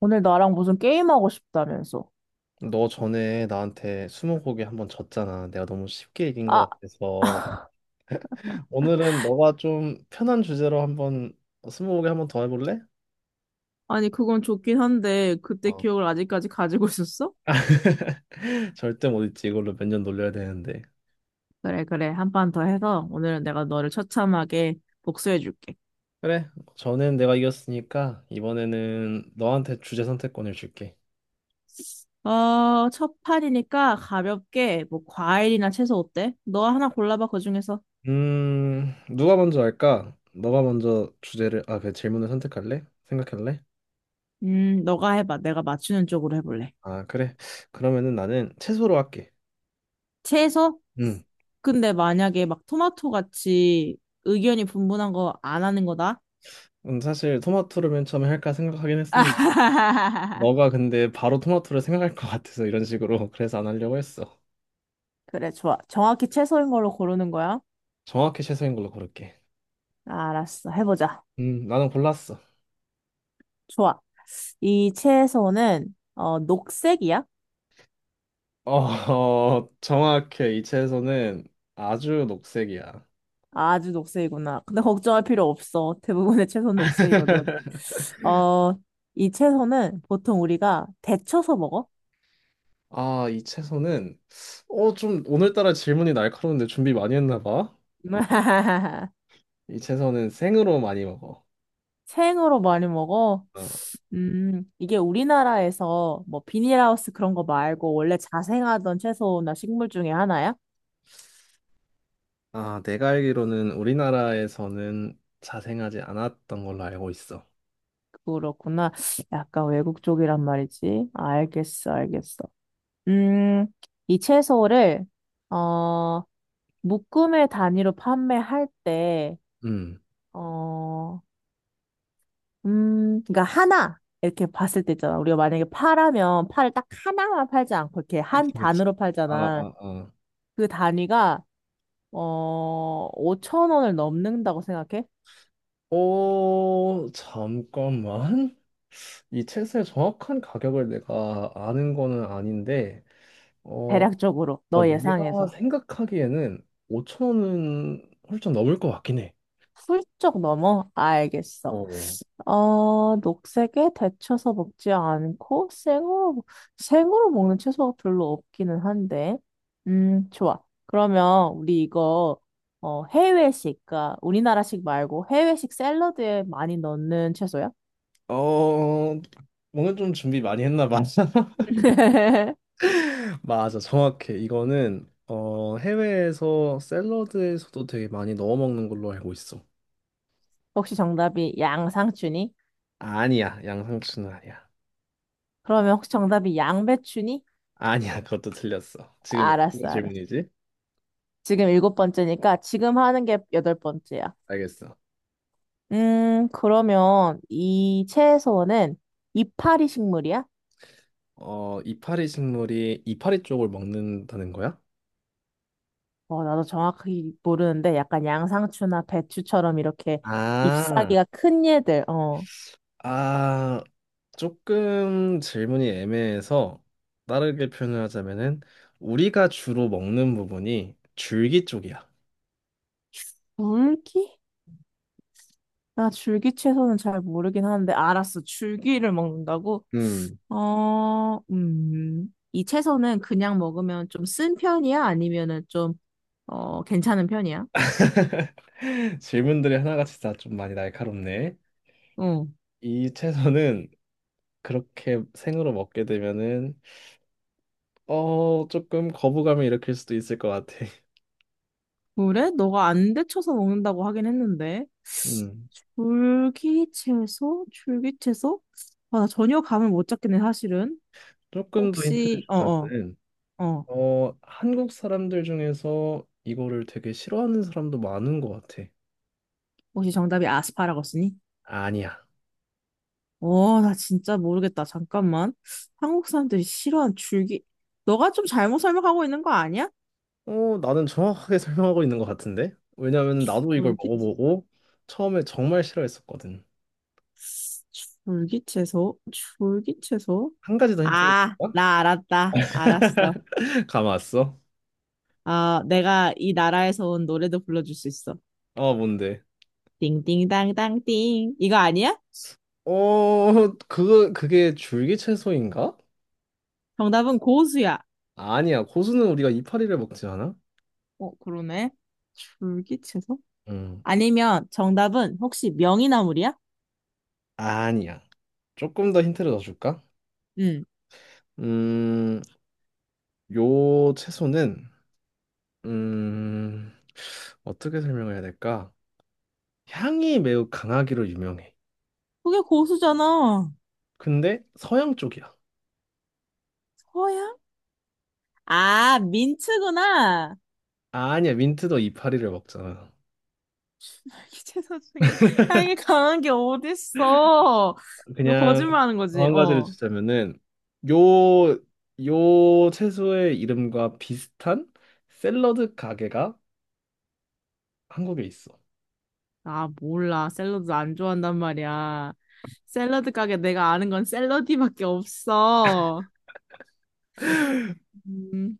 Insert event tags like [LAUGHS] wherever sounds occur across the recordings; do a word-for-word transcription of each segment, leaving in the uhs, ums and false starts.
오늘 나랑 무슨 게임하고 싶다면서. 너 전에 나한테 스무고개 한번 졌잖아. 내가 너무 쉽게 이긴 것 아, 같아서 오늘은 너가 좀 편한 주제로 한번 스무고개 한번 더 해볼래? 아니, 그건 좋긴 한데, 그때 어. 기억을 아직까지 가지고 있었어? [LAUGHS] 절대 못 잊지. 이걸로 몇 년 놀려야 되는데. 그래, 그래. 한 판 더 해서, 오늘은 내가 너를 처참하게 복수해줄게. 그래. 전엔 내가 이겼으니까 이번에는 너한테 주제 선택권을 줄게. 어, 첫 판이니까 가볍게, 뭐, 과일이나 채소 어때? 너 하나 골라봐, 그 중에서. 음, 누가 먼저 할까? 너가 먼저 주제를 아, 그 질문을 선택할래? 생각할래? 음, 너가 해봐. 내가 맞추는 쪽으로 해볼래. 아, 그래. 그러면은 나는 채소로 할게. 채소? 음. 근데 만약에 막 토마토 같이 의견이 분분한 거 안 하는 거다? 음, 사실 토마토를 맨 처음에 할까 생각하긴 했었는데 [LAUGHS] 너가 근데 바로 토마토를 생각할 것 같아서 이런 식으로 [LAUGHS] 그래서 안 하려고 했어. 그래, 좋아. 정확히 채소인 걸로 고르는 거야? 정확히 채소인 걸로 고를게. 알았어. 해보자. 음, 나는 골랐어. 좋아. 이 채소는, 어, 녹색이야? 어, [LAUGHS] 어, 정확해. 이 채소는 아주 녹색이야. 아주 녹색이구나. 근데 걱정할 필요 없어. 대부분의 채소는 녹색이거든. 어, 이 채소는 보통 우리가 데쳐서 먹어? 아, 이 채소는 어, 좀 오늘따라 질문이 날카로운데 준비 많이 했나 봐. [LAUGHS] 이 채소는 생으로 많이 먹어. 생으로 많이 먹어? 어, 음, 이게 우리나라에서 뭐 비닐하우스 그런 거 말고 원래 자생하던 채소나 식물 중에 하나야? 아, 내가 알기로는 우리나라에서는 자생하지 않았던 걸로 알고 있어. 그렇구나. 약간 외국 쪽이란 말이지. 알겠어, 알겠어. 음, 이 채소를, 어, 묶음의 단위로 판매할 때, 음. 어, 음, 그러니까 하나, 이렇게 봤을 때 있잖아. 우리가 만약에 파라면 파를 딱 하나만 팔지 않고 이렇게 그치, 한 그치. 단으로 아, 팔잖아. 아, 아. 그 단위가, 어, 5천 원을 넘는다고 생각해? 오, 잠깐만. 이 책의 정확한 가격을 내가 아는 거는 아닌데, 어, 대략적으로, 어, 너 내가 예상해서. 생각하기에는 오천 원은 훌쩍 넘을 것 같긴 해. 훌쩍 넘어? 알겠어. 어, 어, 녹색에 데쳐서 먹지 않고 생으로, 먹- 생으로 먹는 채소가 별로 없기는 한데. 음, 좋아. 그러면 우리 이거 어, 해외식, 그러니까 우리나라식 말고 해외식 샐러드에 많이 넣는 채소야? 어, 뭔가 좀 준비 많이 했나 봐. [LAUGHS] [LAUGHS] 맞아, 정확해. 이거는 어, 해외에서 샐러드에서도 되게 많이 넣어 먹는 걸로 알고 있어. 혹시 정답이 양상추니? 아니야, 양상추는 아니야. 그러면 혹시 정답이 양배추니? 아니야, [LAUGHS] 그것도 틀렸어. 지금 몇 번째 알았어, 알았어. 질문이지? 지금 일곱 번째니까 지금 하는 게 여덟 번째야. 알겠어. 음, 그러면 이 채소는 이파리 식물이야? 어, 이파리 식물이 이파리 쪽을 먹는다는 거야? 어, 나도 정확히 모르는데 약간 양상추나 배추처럼 이렇게 아, 잎사귀가 큰 얘들. 어, 아, 조금 질문이 애매해서 다르게 표현을 하자면은 우리가 주로 먹는 부분이 줄기 쪽이야. 줄기? 나 줄기 채소는 잘 모르긴 하는데 알았어. 줄기를 먹는다고? [LAUGHS] 음, 어, 음. 이 채소는 그냥 먹으면 좀 쓴 편이야? 아니면은 좀, 어, 괜찮은 편이야? 질문들이 하나같이 다 좀 많이 날카롭네. 응. 이 채소는 그렇게 생으로 먹게 되면은 어 조금 거부감을 일으킬 수도 있을 것 같아. [LAUGHS] 그래? 너가 안 데쳐서 먹는다고 하긴 했는데. 음, 줄기채소? 줄기채소? 아, 나 전혀 감을 못 잡겠네, 사실은. 조금 더 힌트를 혹시, 어, 어, 주자면은 어. 어 한국 사람들 중에서 이거를 되게 싫어하는 사람도 많은 것 같아. 혹시 정답이 아스파라거스니? 아니야. 어, 나 진짜 모르겠다. 잠깐만. 한국 사람들이 싫어하는 줄기. 너가 좀 잘못 설명하고 있는 거 아니야? 어, 나는 정확하게 [LAUGHS] 설명하고 있는 것 같은데? 왜냐면 나도 이걸 줄기, 먹어보고 처음에 정말 싫어했었거든. 줄기채소? 줄기채소? 한 가지 더 힌트를 아, 줄까? 나 알았다. 알았어. [LAUGHS] 감았어 아, 내가 이 나라에서 온 노래도 불러줄 수 있어. 어, [LAUGHS] 뭔데? 띵띵땅땅띵. 이거 아니야? 어, 그거, 그게 줄기 채소인가? 정답은 고수야. 아니야. 고수는 우리가 이파리를 먹지 않아? 어, 그러네. 줄기채소? 음, 아니면 정답은 혹시 명이나물이야? 아니야. 조금 더 힌트를 더 줄까? 응. 음, 요 채소는, 음, 어떻게 설명해야 될까? 향이 매우 강하기로 유명해. 그게 고수잖아. 근데 서양 쪽이야. 서양? 아, 민트구나. 아니야, 민트도 이파리를 먹잖아. 줄기채소 중에 향이 강한 게 어딨어. 너 그냥 거짓말하는 더 거지? 한 가지를 어. 주자면은 요, 요 채소의 이름과 비슷한 샐러드 가게가 한국에 있어. 아, 몰라. 샐러드 안 좋아한단 말이야. 샐러드 가게 내가 아는 건 샐러디밖에 없어. 음,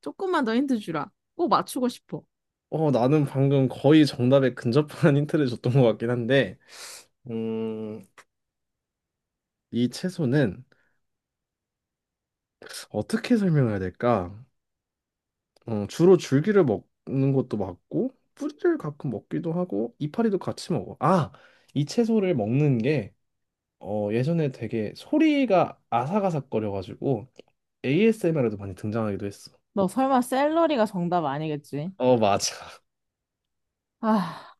조금만 더 힌트 주라. 꼭 맞추고 싶어. 어, 나는 방금 거의 정답에 근접한 [LAUGHS] 힌트를 줬던 것 같긴 한데, 음, 이 채소는 어떻게 설명해야 될까? 어, 주로 줄기를 먹는 것도 맞고, 뿌리를 가끔 먹기도 하고, 이파리도 같이 먹어. 아, 이 채소를 먹는 게 어, 예전에 되게 소리가 아삭아삭거려가지고 에이에스엠알에도 많이 등장하기도 했어. 너 설마 샐러리가 정답 아니겠지? 어, 맞아. [LAUGHS] 아,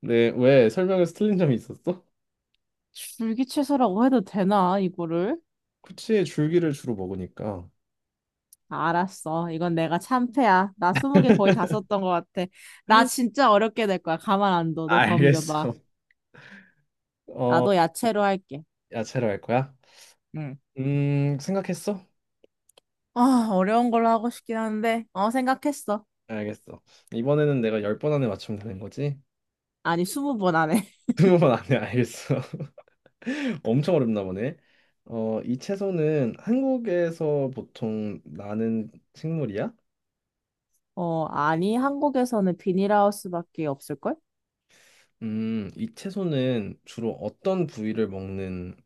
네, 왜 설명에서 틀린 점이 있었어? 줄기 채소라고 해도 되나, 이거를? 쿠치의 줄기를 주로 먹으니까. 알았어. 이건 내가 참패야. 나 스무 개 거의 다 썼던 것 같아. 나 진짜 어렵게 될 거야. 가만 안 둬. 너 덤벼봐. 알겠어. 어, 나도 야채로 할게. 야채로 할 거야? 응. 음, 생각했어? 아, 어려운 걸로 하고 싶긴 한데, 어, 생각했어. 알겠어. 이번에는 내가 열 번 안에 맞추면 되는 거지? 아니, 스무 번 안에. [LAUGHS] [LAUGHS] 이십 번 안에 알겠어. [LAUGHS] 엄청 어렵나 보네. 어, 이 채소는 한국에서 보통 나는 식물이야? 어, 아니, 한국에서는 비닐하우스밖에 없을걸? 음, 이 채소는 주로 어떤 부위를 먹는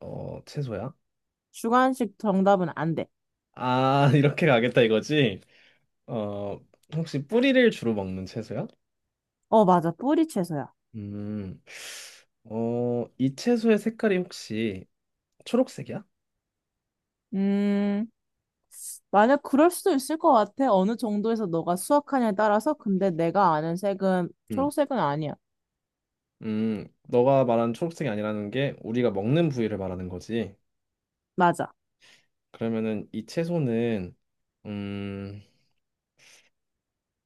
어, 채소야? 주관식 정답은 안 돼. 아, [LAUGHS] 이렇게 가겠다 이거지? 어, 혹시 뿌리를 주로 먹는 채소야? 어, 맞아. 뿌리 채소야. 음, 어, 이 채소의 색깔이 혹시 초록색이야? 음. 만약 그럴 수도 있을 것 같아. 어느 정도에서 너가 수확하냐에 따라서. 근데 내가 아는 색은 음, 초록색은 아니야. 음, 너가 말한 초록색이 아니라는 게 우리가 먹는 부위를 말하는 거지. 맞아. 그러면은 이 채소는 음,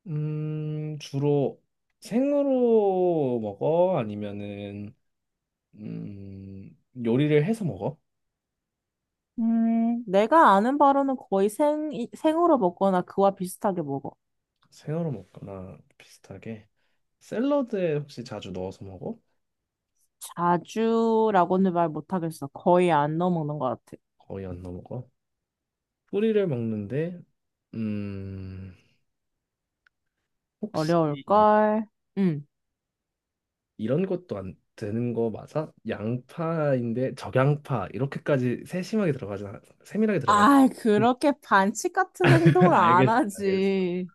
음, 주로 생으로 먹어? 아니면은 음, 요리를 해서 먹어? 음, 내가 아는 바로는 거의 생, 생으로 먹거나 그와 비슷하게 먹어. 생으로 먹거나 비슷하게. 샐러드에 혹시 자주 넣어서 먹어? 자주라고는 말 못하겠어. 거의 안 넣어 먹는 것 같아. 거의 안 넣어 먹어. 뿌리를 먹는데, 음, 혹시 어려울걸? 응. 이런 것도 안 되는 거 맞아? 양파인데 적양파 이렇게까지 세심하게 들어가지 않- 세밀하게 들어가지 아, 않- 그렇게 반칙 같은 [LAUGHS] 행동은 아, 안 알겠어, 알겠어. 하지.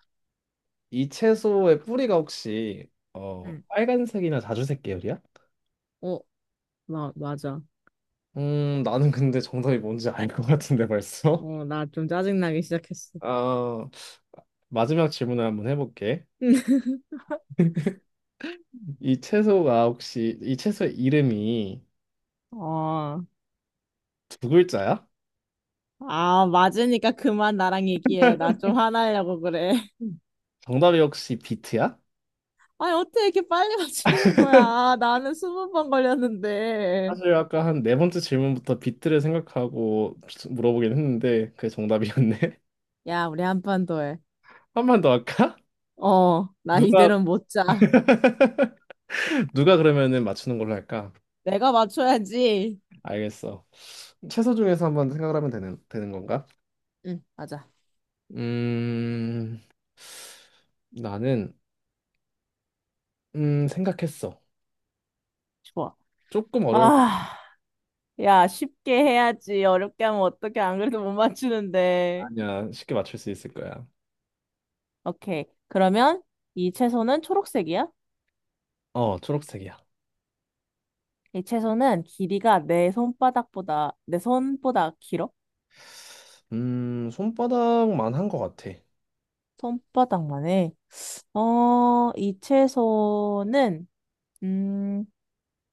이 채소의 뿌리가 혹시 어 응. 빨간색이나 자주색 계열이야? 어, 나, 맞아. 음, 나는 근데 정답이 뭔지 알 것 같은데 벌써. 어, 나 좀 짜증나기 [LAUGHS] 시작했어. 아 마지막 질문을 한번 해볼게. [LAUGHS] 이 채소가 혹시 이 채소의 이름이 어. 두 글자야? 아, 맞으니까 그만 나랑 얘기해. 나 좀 화나려고 그래. [LAUGHS] 음. 정답이 혹시 비트야? 아니, 어떻게 이렇게 빨리 맞추는 거야? 아, 나는 스무 번 걸렸는데. 사실 아까 한 네 번째 질문부터 비트를 생각하고 물어보긴 했는데 그게 정답이었네. [LAUGHS] 야, 우리 한 판 더 해. 한 번 더 할까? 어, 나 누가 이대로는 못 자. 누가 그러면은 맞추는 걸로 할까? 내가 맞춰야지. 알겠어. 채소 중에서 한번 생각을 하면 되는 되는 건가? 응, 맞아. 음 나는 음 생각했어. 좋아. 조금 어려울 아, 야, 쉽게 해야지. 어렵게 하면 어떻게 안 그래도 못 맞추는데. 아니야. 쉽게 맞출 수 있을 거야. 오케이. 그러면 이 채소는 초록색이야? 어 초록색이야. 이 채소는 길이가 내 손바닥보다, 내 손보다 길어? 음, 손바닥만 한 것 같아. 손바닥만 해. 어, 이 채소는, 음,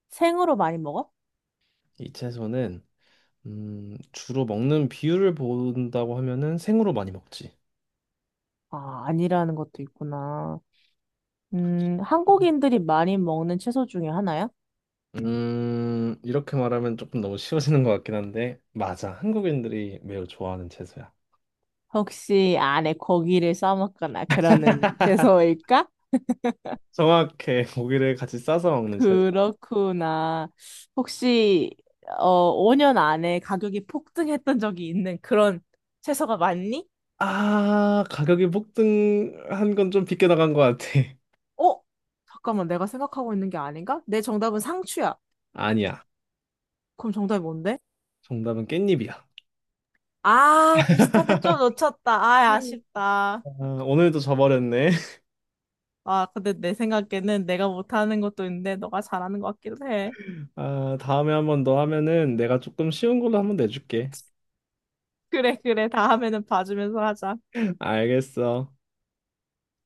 생으로 많이 먹어? 이 채소는 음, 주로 먹는 비율을 본다고 하면은 생으로 많이 먹지. 아, 아니라는 것도 있구나. 음, 한국인들이 많이 먹는 채소 중에 하나야? 음, 이렇게 말하면 조금 너무 쉬워지는 것 같긴 한데, 맞아. 한국인들이 매우 좋아하는 채소야. 혹시 안에 고기를 싸먹거나 그러는 채소일까? 정확해. [LAUGHS] 고기를 같이 싸서 먹는 채소야. 그렇구나. 혹시, 어, 오 년 안에 가격이 폭등했던 적이 있는 그런 채소가 맞니? 아, 가격이 폭등한 건 좀 빗겨 나간 것 같아. [LAUGHS] 어? 잠깐만, 내가 생각하고 있는 게 아닌가? 내 정답은 상추야. 아니야. 그럼 정답이 뭔데? 정답은 깻잎이야. 아, 비슷한데 좀 놓쳤다. 아, 아쉽다. 아, 오늘도 져버렸네. [LAUGHS] 아, 근데 내 생각에는 내가 못하는 것도 있는데 너가 잘하는 것 같기도 해. 아, 다음에 한 번 더 하면은 내가 조금 쉬운 걸로 한번 내줄게. 그래, 그래. 다음에는 봐주면서 하자. 알겠어.